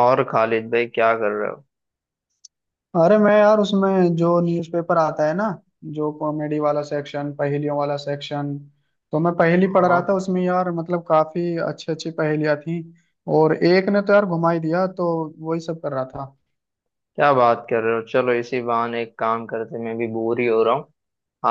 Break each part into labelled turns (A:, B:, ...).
A: और खालिद भाई क्या कर रहे हो।
B: अरे मैं यार उसमें जो न्यूज़पेपर आता है ना। जो कॉमेडी वाला सेक्शन, पहेलियों वाला सेक्शन। तो मैं पहेली पढ़
A: हाँ।
B: रहा था उसमें यार। मतलब काफी अच्छी अच्छी पहेलियां थी और एक ने तो यार घुमा ही दिया। तो वही सब कर रहा था।
A: क्या बात कर रहे हो, चलो इसी बहाने एक काम करते हैं, मैं भी बोर ही हो रहा हूँ।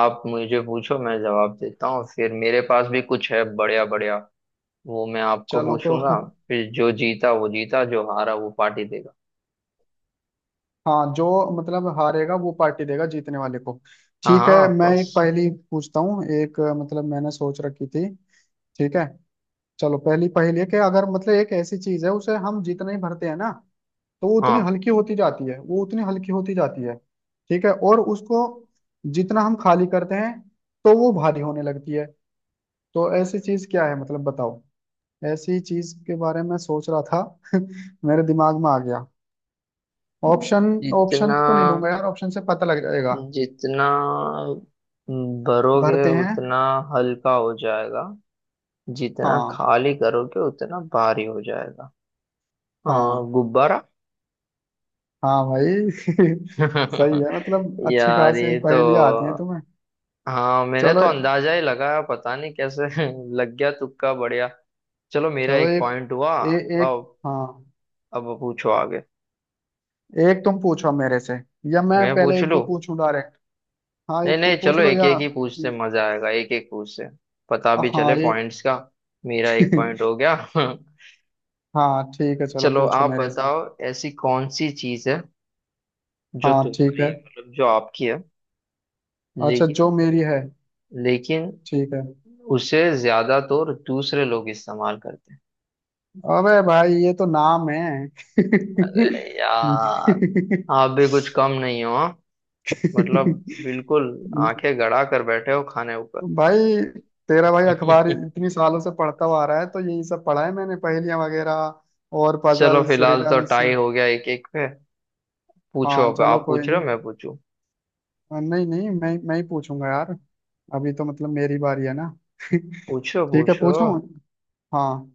A: आप मुझे पूछो, मैं जवाब देता हूँ, फिर मेरे पास भी कुछ है, बढ़िया बढ़िया। वो मैं आपको
B: चलो तो।
A: पूछूंगा। फिर जो जीता वो जीता, जो हारा वो पार्टी देगा।
B: हाँ। जो मतलब हारेगा वो पार्टी देगा जीतने वाले को।
A: हाँ
B: ठीक
A: हाँ,
B: है,
A: ऑफ
B: मैं
A: कोर्स।
B: एक पहेली पूछता हूँ। एक मतलब मैंने सोच रखी थी। ठीक है। चलो, पहली पहेली है कि अगर मतलब एक ऐसी चीज है, उसे हम जितना ही भरते हैं ना तो वो उतनी
A: हाँ।
B: हल्की होती जाती है, वो उतनी हल्की होती जाती है, ठीक है। और उसको जितना हम खाली करते हैं तो वो भारी होने लगती है। तो ऐसी चीज क्या है, मतलब बताओ। ऐसी चीज के बारे में सोच रहा था। मेरे दिमाग में आ गया ऑप्शन। ऑप्शन
A: जितना
B: तो नहीं दूंगा यार, ऑप्शन से पता लग जाएगा।
A: जितना भरोगे
B: भरते हैं।
A: उतना हल्का हो जाएगा, जितना
B: हाँ।
A: खाली करोगे उतना भारी हो जाएगा।
B: हाँ।
A: हाँ, गुब्बारा।
B: हाँ भाई। सही है, मतलब अच्छी
A: यार
B: खासी
A: ये तो,
B: पहेलियां आती हैं तुम्हें।
A: हाँ मैंने
B: चलो।
A: तो अंदाजा ही लगाया, पता नहीं कैसे लग गया, तुक्का बढ़िया। चलो मेरा
B: चलो
A: एक
B: एक
A: पॉइंट हुआ।
B: ए, एक।
A: अब
B: हाँ
A: अब पूछो आगे।
B: एक तुम पूछो मेरे से या मैं
A: मैं
B: पहले
A: पूछ
B: एक
A: लूं?
B: दो पूछूं डायरेक्ट। हाँ
A: नहीं
B: एक
A: नहीं,
B: तुम पूछ
A: चलो
B: लो
A: एक
B: या।
A: एक ही पूछते मजा आएगा, एक एक पूछते पता भी चले
B: हाँ ये।
A: पॉइंट्स का। मेरा एक पॉइंट हो गया।
B: हाँ ठीक है, चलो
A: चलो
B: पूछो
A: आप
B: मेरे से।
A: बताओ। ऐसी कौन सी चीज है जो
B: हाँ ठीक
A: तुम्हारी
B: है।
A: है, मतलब जो आपकी है,
B: अच्छा, जो
A: लेकिन,
B: मेरी है।
A: लेकिन
B: ठीक है।
A: उसे ज्यादातर दूसरे लोग इस्तेमाल करते हैं।
B: अबे भाई, ये तो नाम है।
A: अरे यार, आप भी कुछ कम नहीं हो हाँ? मतलब बिल्कुल आंखें गड़ा कर बैठे हो खाने ऊपर।
B: भाई, तेरा भाई अखबार इतनी सालों से पढ़ता हुआ आ रहा है तो यही सब पढ़ा है मैंने, पहेलियां वगैरह और
A: चलो
B: पजल्स
A: फिलहाल तो
B: रिडल्स।
A: टाई हो गया, एक एक पे। पूछो,
B: हाँ
A: अब
B: चलो,
A: आप
B: कोई
A: पूछ रहे हो
B: नहीं।
A: मैं पूछूं।
B: हाँ, नहीं नहीं, मैं ही पूछूंगा यार। अभी तो मतलब मेरी बारी है ना।
A: पूछो
B: ठीक है
A: पूछो।
B: पूछूं। हाँ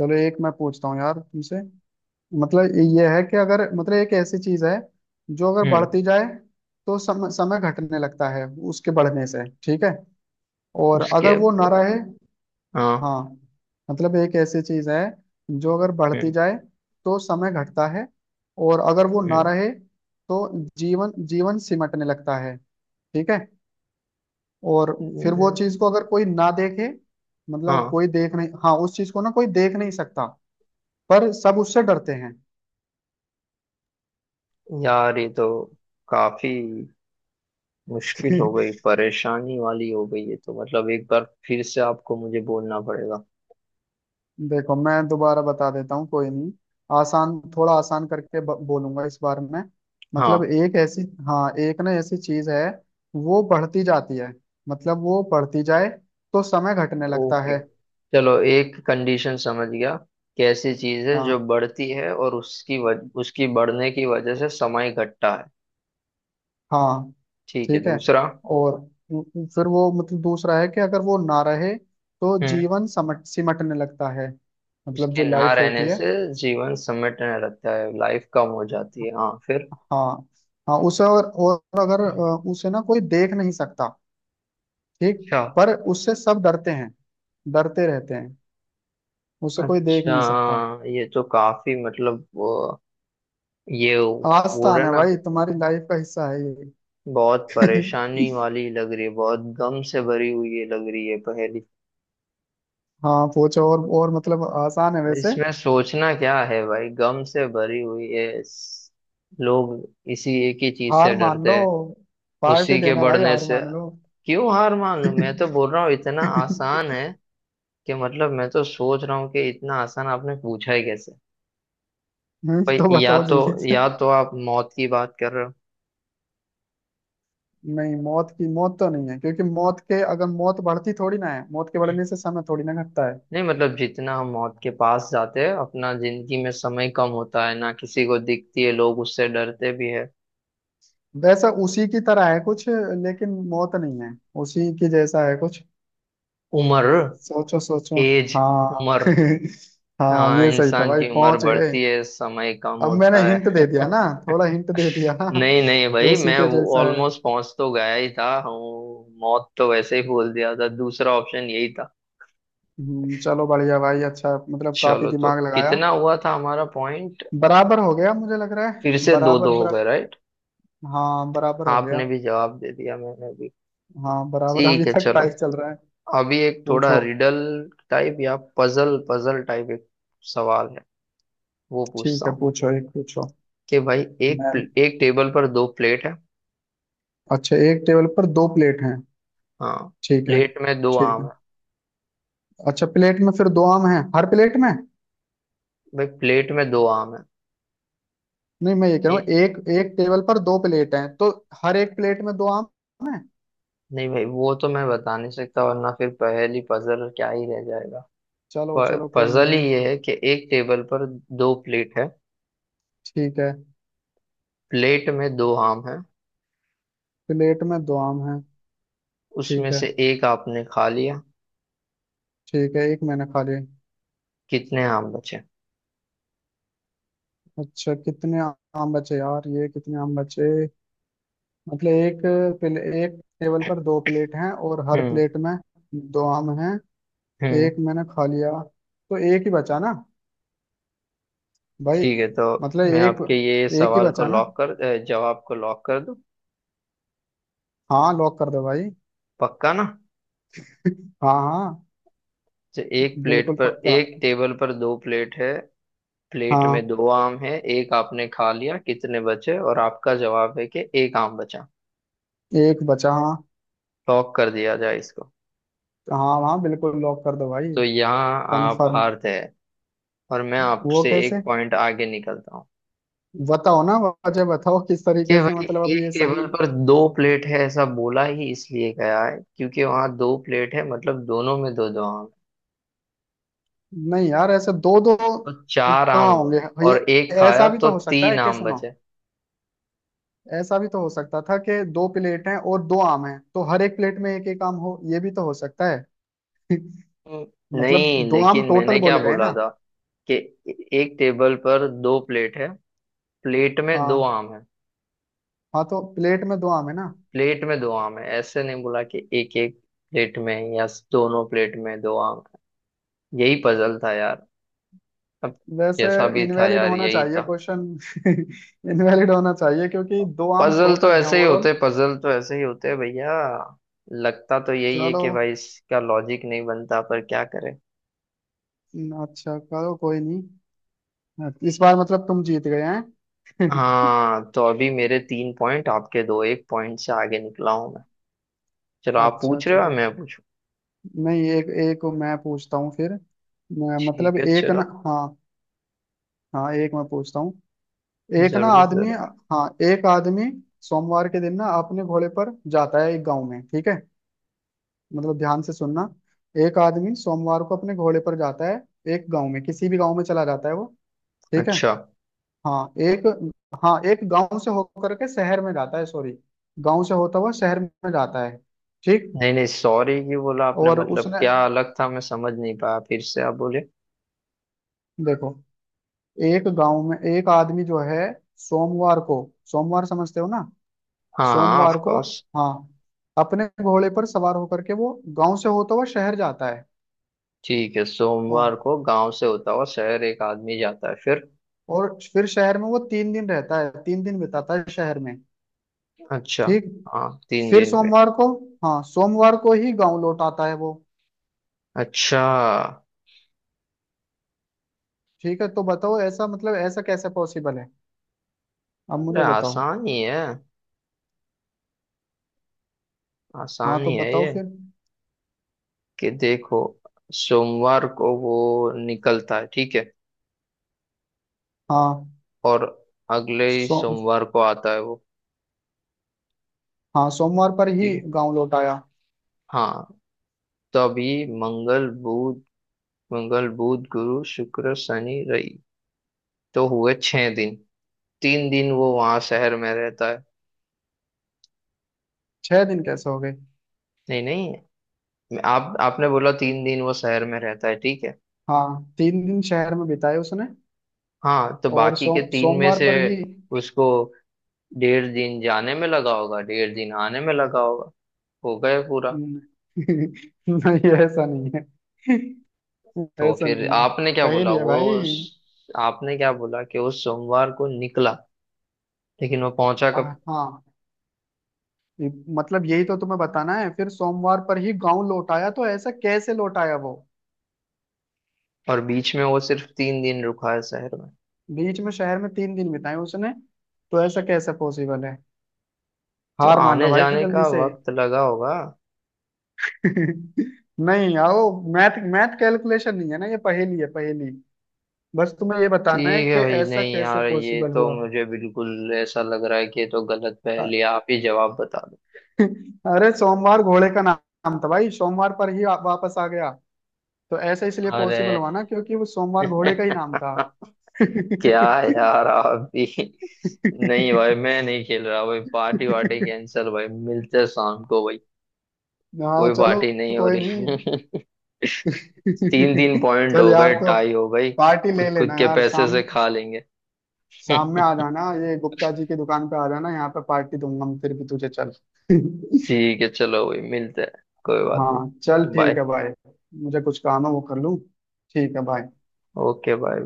B: चलो, एक मैं पूछता हूँ यार तुमसे। मतलब ये है कि अगर मतलब एक ऐसी चीज है जो अगर
A: हम्म।
B: बढ़ती जाए तो समय समय घटने लगता है, उसके बढ़ने से, ठीक है। और अगर
A: उसके
B: वो ना रहे।
A: बाद- हाँ।
B: हाँ। मतलब एक ऐसी चीज है जो अगर बढ़ती
A: हम्म।
B: जाए तो समय घटता है। और अगर वो ना
A: हम्म।
B: रहे तो जीवन जीवन सिमटने लगता है। ठीक है। और फिर वो
A: हम्म।
B: चीज को अगर कोई ना देखे, मतलब
A: हाँ।
B: कोई देख नहीं, हाँ, उस चीज को ना कोई देख नहीं सकता पर सब उससे डरते हैं।
A: यार ये तो काफी मुश्किल हो गई, परेशानी वाली हो गई ये तो। मतलब एक बार फिर से आपको मुझे बोलना पड़ेगा।
B: देखो, मैं दोबारा बता देता हूँ, कोई नहीं। आसान, थोड़ा आसान करके बोलूंगा इस बार में। मतलब
A: हाँ।
B: एक ऐसी। हाँ, एक ना ऐसी चीज है, वो बढ़ती जाती है। मतलब वो बढ़ती जाए तो समय घटने लगता
A: ओके,
B: है।
A: चलो एक कंडीशन समझ गया। कैसी चीज है जो
B: हाँ।
A: बढ़ती है और उसकी बढ़ने की वजह से समय घटता है।
B: हाँ
A: ठीक है,
B: ठीक है।
A: दूसरा।
B: और फिर वो मतलब दूसरा है कि अगर वो ना रहे तो
A: हम्म।
B: जीवन समट सिमटने लगता है। मतलब
A: उसके
B: जो
A: ना
B: लाइफ होती
A: रहने
B: है।
A: से जीवन समेटने रहता है, लाइफ कम हो जाती है, हाँ फिर।
B: हाँ। हाँ उसे और अगर उसे ना कोई देख नहीं सकता। ठीक।
A: अच्छा।
B: पर उससे सब डरते हैं, डरते रहते हैं। उसे कोई देख
A: अच्छा,
B: नहीं सकता।
A: ये तो काफी, ये वो रहा
B: आसान है
A: ना।
B: भाई, तुम्हारी लाइफ का हिस्सा है ये।
A: बहुत परेशानी वाली लग रही है, बहुत गम से भरी हुई ये लग रही है पहेली।
B: हाँ पूछो। और मतलब आसान है वैसे।
A: इसमें सोचना क्या है भाई, गम से भरी हुई है, लोग इसी एक ही चीज से
B: हार मान लो,
A: डरते हैं,
B: पार्टी
A: उसी के
B: देना भाई,
A: बढ़ने
B: हार
A: से।
B: मान लो।
A: क्यों हार मान लूं, मैं तो बोल रहा हूँ इतना आसान है, कि मतलब मैं तो सोच रहा हूँ कि इतना आसान आपने पूछा ही कैसे। भाई
B: तो
A: या
B: बताओ
A: तो,
B: जल्दी से।
A: या तो आप मौत की बात कर रहे हो।
B: नहीं, मौत की, मौत तो नहीं है क्योंकि मौत के, अगर मौत बढ़ती थोड़ी ना है, मौत के बढ़ने से समय थोड़ी ना घटता है।
A: नहीं मतलब, जितना हम मौत के पास जाते हैं अपना जिंदगी में समय कम होता है ना, किसी को दिखती है, लोग उससे डरते भी है।
B: वैसा उसी की तरह है कुछ लेकिन मौत नहीं है। उसी की जैसा है कुछ।
A: उम्र।
B: सोचो सोचो।
A: एज।
B: हाँ
A: उम्र।
B: हाँ
A: हाँ,
B: ये सही था
A: इंसान
B: भाई,
A: की उम्र
B: पहुंच गए।
A: बढ़ती है समय कम
B: अब मैंने
A: होता
B: हिंट
A: है।
B: दे दिया ना। थोड़ा हिंट दे दिया ना,
A: नहीं नहीं
B: कि
A: भाई,
B: उसी
A: मैं
B: के
A: वो
B: जैसा है।
A: ऑलमोस्ट पहुंच तो गया ही था हूँ, मौत तो वैसे ही बोल दिया था, दूसरा ऑप्शन यही था।
B: चलो बढ़िया भाई, अच्छा मतलब काफी
A: चलो तो
B: दिमाग लगाया।
A: कितना हुआ था हमारा पॉइंट?
B: बराबर हो गया मुझे लग रहा है।
A: फिर से दो
B: बराबर
A: दो हो
B: बरा
A: गए, राइट।
B: हाँ बराबर हो गया।
A: आपने भी जवाब दे दिया मैंने भी।
B: हाँ बराबर,
A: ठीक
B: अभी
A: है
B: तक
A: चलो,
B: टाइस चल रहा है।
A: अभी एक थोड़ा
B: पूछो।
A: रिडल टाइप या पजल पजल टाइप एक सवाल है, वो पूछता
B: ठीक है
A: हूँ।
B: पूछो, एक पूछो।
A: कि भाई,
B: मैं।
A: एक टेबल पर दो प्लेट है।
B: अच्छा, एक टेबल पर दो प्लेट हैं,
A: हाँ,
B: ठीक है।
A: प्लेट में दो
B: ठीक
A: आम
B: है,
A: है।
B: अच्छा प्लेट में फिर दो आम हैं हर प्लेट में।
A: भाई, प्लेट में दो आम है।
B: नहीं मैं ये कह रहा हूँ,
A: एक।
B: एक, एक टेबल पर दो प्लेट हैं तो हर एक प्लेट में दो आम हैं।
A: नहीं भाई, वो तो मैं बता नहीं सकता, वरना फिर पहेली पजल क्या ही रह जाएगा।
B: चलो चलो, कोई
A: पजल
B: नहीं
A: ही
B: है।
A: ये है कि एक टेबल पर दो प्लेट है,
B: ठीक है।
A: प्लेट में दो आम है,
B: प्लेट में दो आम हैं।
A: उसमें
B: ठीक है।
A: से एक आपने खा लिया,
B: ठीक है, एक मैंने खा लिए।
A: कितने आम बचे?
B: अच्छा कितने आम बचे यार, ये कितने आम बचे। मतलब एक एक टेबल पर दो प्लेट हैं और हर
A: हम्म।
B: प्लेट में दो आम हैं। एक
A: हम्म।
B: मैंने खा लिया तो एक ही बचा ना भाई।
A: ठीक है, तो
B: मतलब
A: मैं
B: एक।
A: आपके ये
B: एक ही
A: सवाल को
B: बचा ना।
A: जवाब को लॉक कर दूं?
B: हाँ लॉक कर दो भाई।
A: पक्का ना?
B: हाँ हाँ।
A: तो एक प्लेट
B: बिल्कुल
A: पर
B: पक्का।
A: एक टेबल पर दो प्लेट है, प्लेट में
B: हाँ
A: दो आम है, एक आपने खा लिया कितने बचे, और आपका जवाब है कि एक आम बचा।
B: एक बचा हाँ।
A: लॉक कर दिया जाए इसको?
B: हाँ हाँ बिल्कुल लॉक कर दो भाई।
A: तो यहाँ आप
B: कंफर्म।
A: हारते हैं, और मैं
B: वो
A: आपसे एक
B: कैसे।
A: पॉइंट आगे निकलता हूँ।
B: बताओ ना, वजह बताओ किस
A: कि
B: तरीके से,
A: भाई,
B: मतलब अब
A: एक
B: ये
A: टेबल
B: सही।
A: पर दो प्लेट है ऐसा बोला ही इसलिए गया है क्योंकि वहां दो प्लेट है, मतलब दोनों में दो दो आम है,
B: नहीं यार, ऐसे दो दो
A: तो चार आम
B: कहाँ होंगे।
A: हुए,
B: ये,
A: और एक
B: ऐसा
A: खाया
B: भी
A: तो
B: तो हो सकता है
A: तीन
B: कि
A: आम
B: सुनो,
A: बचे।
B: ऐसा भी तो हो सकता था कि दो प्लेट हैं और दो आम हैं तो हर एक प्लेट में एक एक आम हो, ये भी तो हो सकता है। मतलब
A: नहीं
B: दो आम
A: लेकिन
B: टोटल
A: मैंने क्या
B: बोले गए
A: बोला
B: ना।
A: था, कि एक टेबल पर दो प्लेट है, प्लेट में दो
B: हाँ।
A: आम है।
B: हाँ तो प्लेट में दो आम है ना।
A: प्लेट में दो आम है ऐसे नहीं बोला कि एक एक प्लेट में, या दोनों प्लेट में दो आम है। यही पजल था यार, अब
B: वैसे
A: जैसा भी था
B: इनवैलिड
A: यार,
B: होना
A: यही
B: चाहिए
A: था।
B: क्वेश्चन। इनवैलिड होना चाहिए क्योंकि दो आम
A: पजल तो
B: टोटल हैं
A: ऐसे ही
B: ओवरऑल।
A: होते, पजल तो ऐसे ही होते भैया। लगता तो यही है
B: चलो
A: कि भाई इसका लॉजिक नहीं बनता, पर क्या करें।
B: अच्छा करो, कोई नहीं। इस बार मतलब तुम जीत गए हैं।
A: हाँ तो अभी मेरे तीन पॉइंट, आपके दो, एक पॉइंट से आगे निकला हूं मैं। चलो आप
B: अच्छा
A: पूछ रहे हो या
B: चलो।
A: मैं पूछूं?
B: नहीं एक एक मैं पूछता हूँ फिर। मतलब
A: ठीक है
B: एक
A: चलो।
B: ना, हाँ। हाँ एक मैं पूछता हूँ। एक ना
A: जरूर
B: आदमी।
A: जरूर।
B: हाँ, एक आदमी सोमवार के दिन ना अपने घोड़े पर जाता है एक गांव में, ठीक है। मतलब ध्यान से सुनना। एक आदमी सोमवार को अपने घोड़े पर जाता है एक गांव में, किसी भी गांव में चला जाता है वो। ठीक है।
A: अच्छा।
B: हाँ। एक। हाँ, एक गांव से होकर के शहर में जाता है, सॉरी, गांव से होता हुआ शहर में जाता है। ठीक।
A: नहीं नहीं, सॉरी क्यों बोला आपने,
B: और
A: मतलब
B: उसने।
A: क्या अलग था मैं समझ नहीं पाया, फिर से आप बोले।
B: देखो, एक गांव में एक आदमी जो है सोमवार को, सोमवार समझते हो ना,
A: हाँ हाँ, ऑफ
B: सोमवार को,
A: कोर्स।
B: हाँ, अपने घोड़े पर सवार होकर के वो गांव से होता हुआ शहर जाता है।
A: ठीक है,
B: ओ,
A: सोमवार को गांव से होता हुआ शहर एक आदमी जाता है, फिर?
B: और फिर शहर में वो तीन दिन रहता है, तीन दिन बिताता है शहर में।
A: अच्छा।
B: ठीक।
A: हाँ, तीन
B: फिर
A: दिन पे।
B: सोमवार को। हाँ सोमवार को ही गांव लौट आता है वो।
A: अच्छा।
B: ठीक है, तो बताओ ऐसा, मतलब ऐसा कैसे पॉसिबल है। अब
A: अरे
B: मुझे बताओ।
A: आसान ही है,
B: हाँ
A: आसान
B: तो
A: ही है
B: बताओ
A: ये।
B: फिर।
A: कि देखो, सोमवार को वो निकलता है, ठीक है,
B: हाँ
A: और अगले ही
B: सो
A: सोमवार को आता है वो।
B: हाँ सोमवार पर ही
A: ठीक है।
B: गांव लौट आया।
A: हाँ, तभी मंगल बुध, गुरु शुक्र शनि रवि, तो हुए 6 दिन, 3 दिन वो वहां शहर में रहता है।
B: छह दिन कैसे हो गए।
A: नहीं नहीं, आप आपने बोला 3 दिन वो शहर में रहता है, ठीक है।
B: हाँ, तीन दिन शहर में बिताए उसने।
A: हाँ, तो
B: और
A: बाकी के तीन में
B: सोमवार
A: से
B: पर ही
A: उसको 1.5 दिन जाने में लगा होगा, 1.5 दिन आने में लगा होगा, हो गए पूरा।
B: न- नहीं ऐसा नहीं है।
A: तो
B: ऐसा
A: फिर
B: नहीं है,
A: आपने क्या बोला,
B: पहेली है भाई।
A: वो आपने क्या बोला, कि वो सोमवार को निकला लेकिन वो पहुंचा कब?
B: हाँ ये- मतलब यही तो तुम्हें बताना है। फिर सोमवार पर ही गांव लौट आया तो ऐसा कैसे लौट आया वो।
A: और बीच में वो सिर्फ 3 दिन रुका है शहर में,
B: बीच में शहर में तीन दिन बिताए उसने, तो ऐसा कैसे पॉसिबल है।
A: तो
B: हार मान लो
A: आने
B: भाई
A: जाने
B: जल्दी
A: का
B: से।
A: वक्त लगा होगा।
B: नहीं आओ, मैथ मैथ कैलकुलेशन नहीं है ना ये, पहेली है पहेली। बस तुम्हें ये बताना है
A: ठीक
B: कि
A: है भाई,
B: ऐसा
A: नहीं
B: कैसे
A: यार, ये
B: पॉसिबल
A: तो
B: हुआ।
A: मुझे बिल्कुल ऐसा लग रहा है कि ये तो गलत पहेली, आप ही जवाब बता दो।
B: अरे सोमवार घोड़े का नाम था भाई, सोमवार पर ही आप वापस आ गया। तो ऐसा इसलिए
A: अरे,
B: पॉसिबल हुआ ना क्योंकि वो सोमवार घोड़े का ही नाम था।
A: क्या यार आप भी। नहीं भाई, मैं नहीं खेल रहा भाई, पार्टी वार्टी कैंसिल भाई, मिलते हैं शाम को भाई।
B: हाँ
A: कोई
B: चलो,
A: पार्टी नहीं हो
B: कोई नहीं।
A: रही, तीन तीन पॉइंट
B: चल
A: हो
B: यार,
A: गए
B: तो
A: टाई हो गई।
B: पार्टी ले
A: खुद खुद
B: लेना
A: के
B: यार,
A: पैसे
B: शाम
A: से खा लेंगे।
B: शाम में आ जाना। ये गुप्ता जी की दुकान पे आ जाना, यहाँ पे पार्टी दूंगा मैं फिर भी तुझे, चल।
A: ठीक है चलो भाई, मिलते हैं, कोई बात
B: हाँ चल
A: नहीं, बाय।
B: ठीक है भाई। मुझे कुछ काम है वो कर लूँ। ठीक है भाई।
A: Okay bye.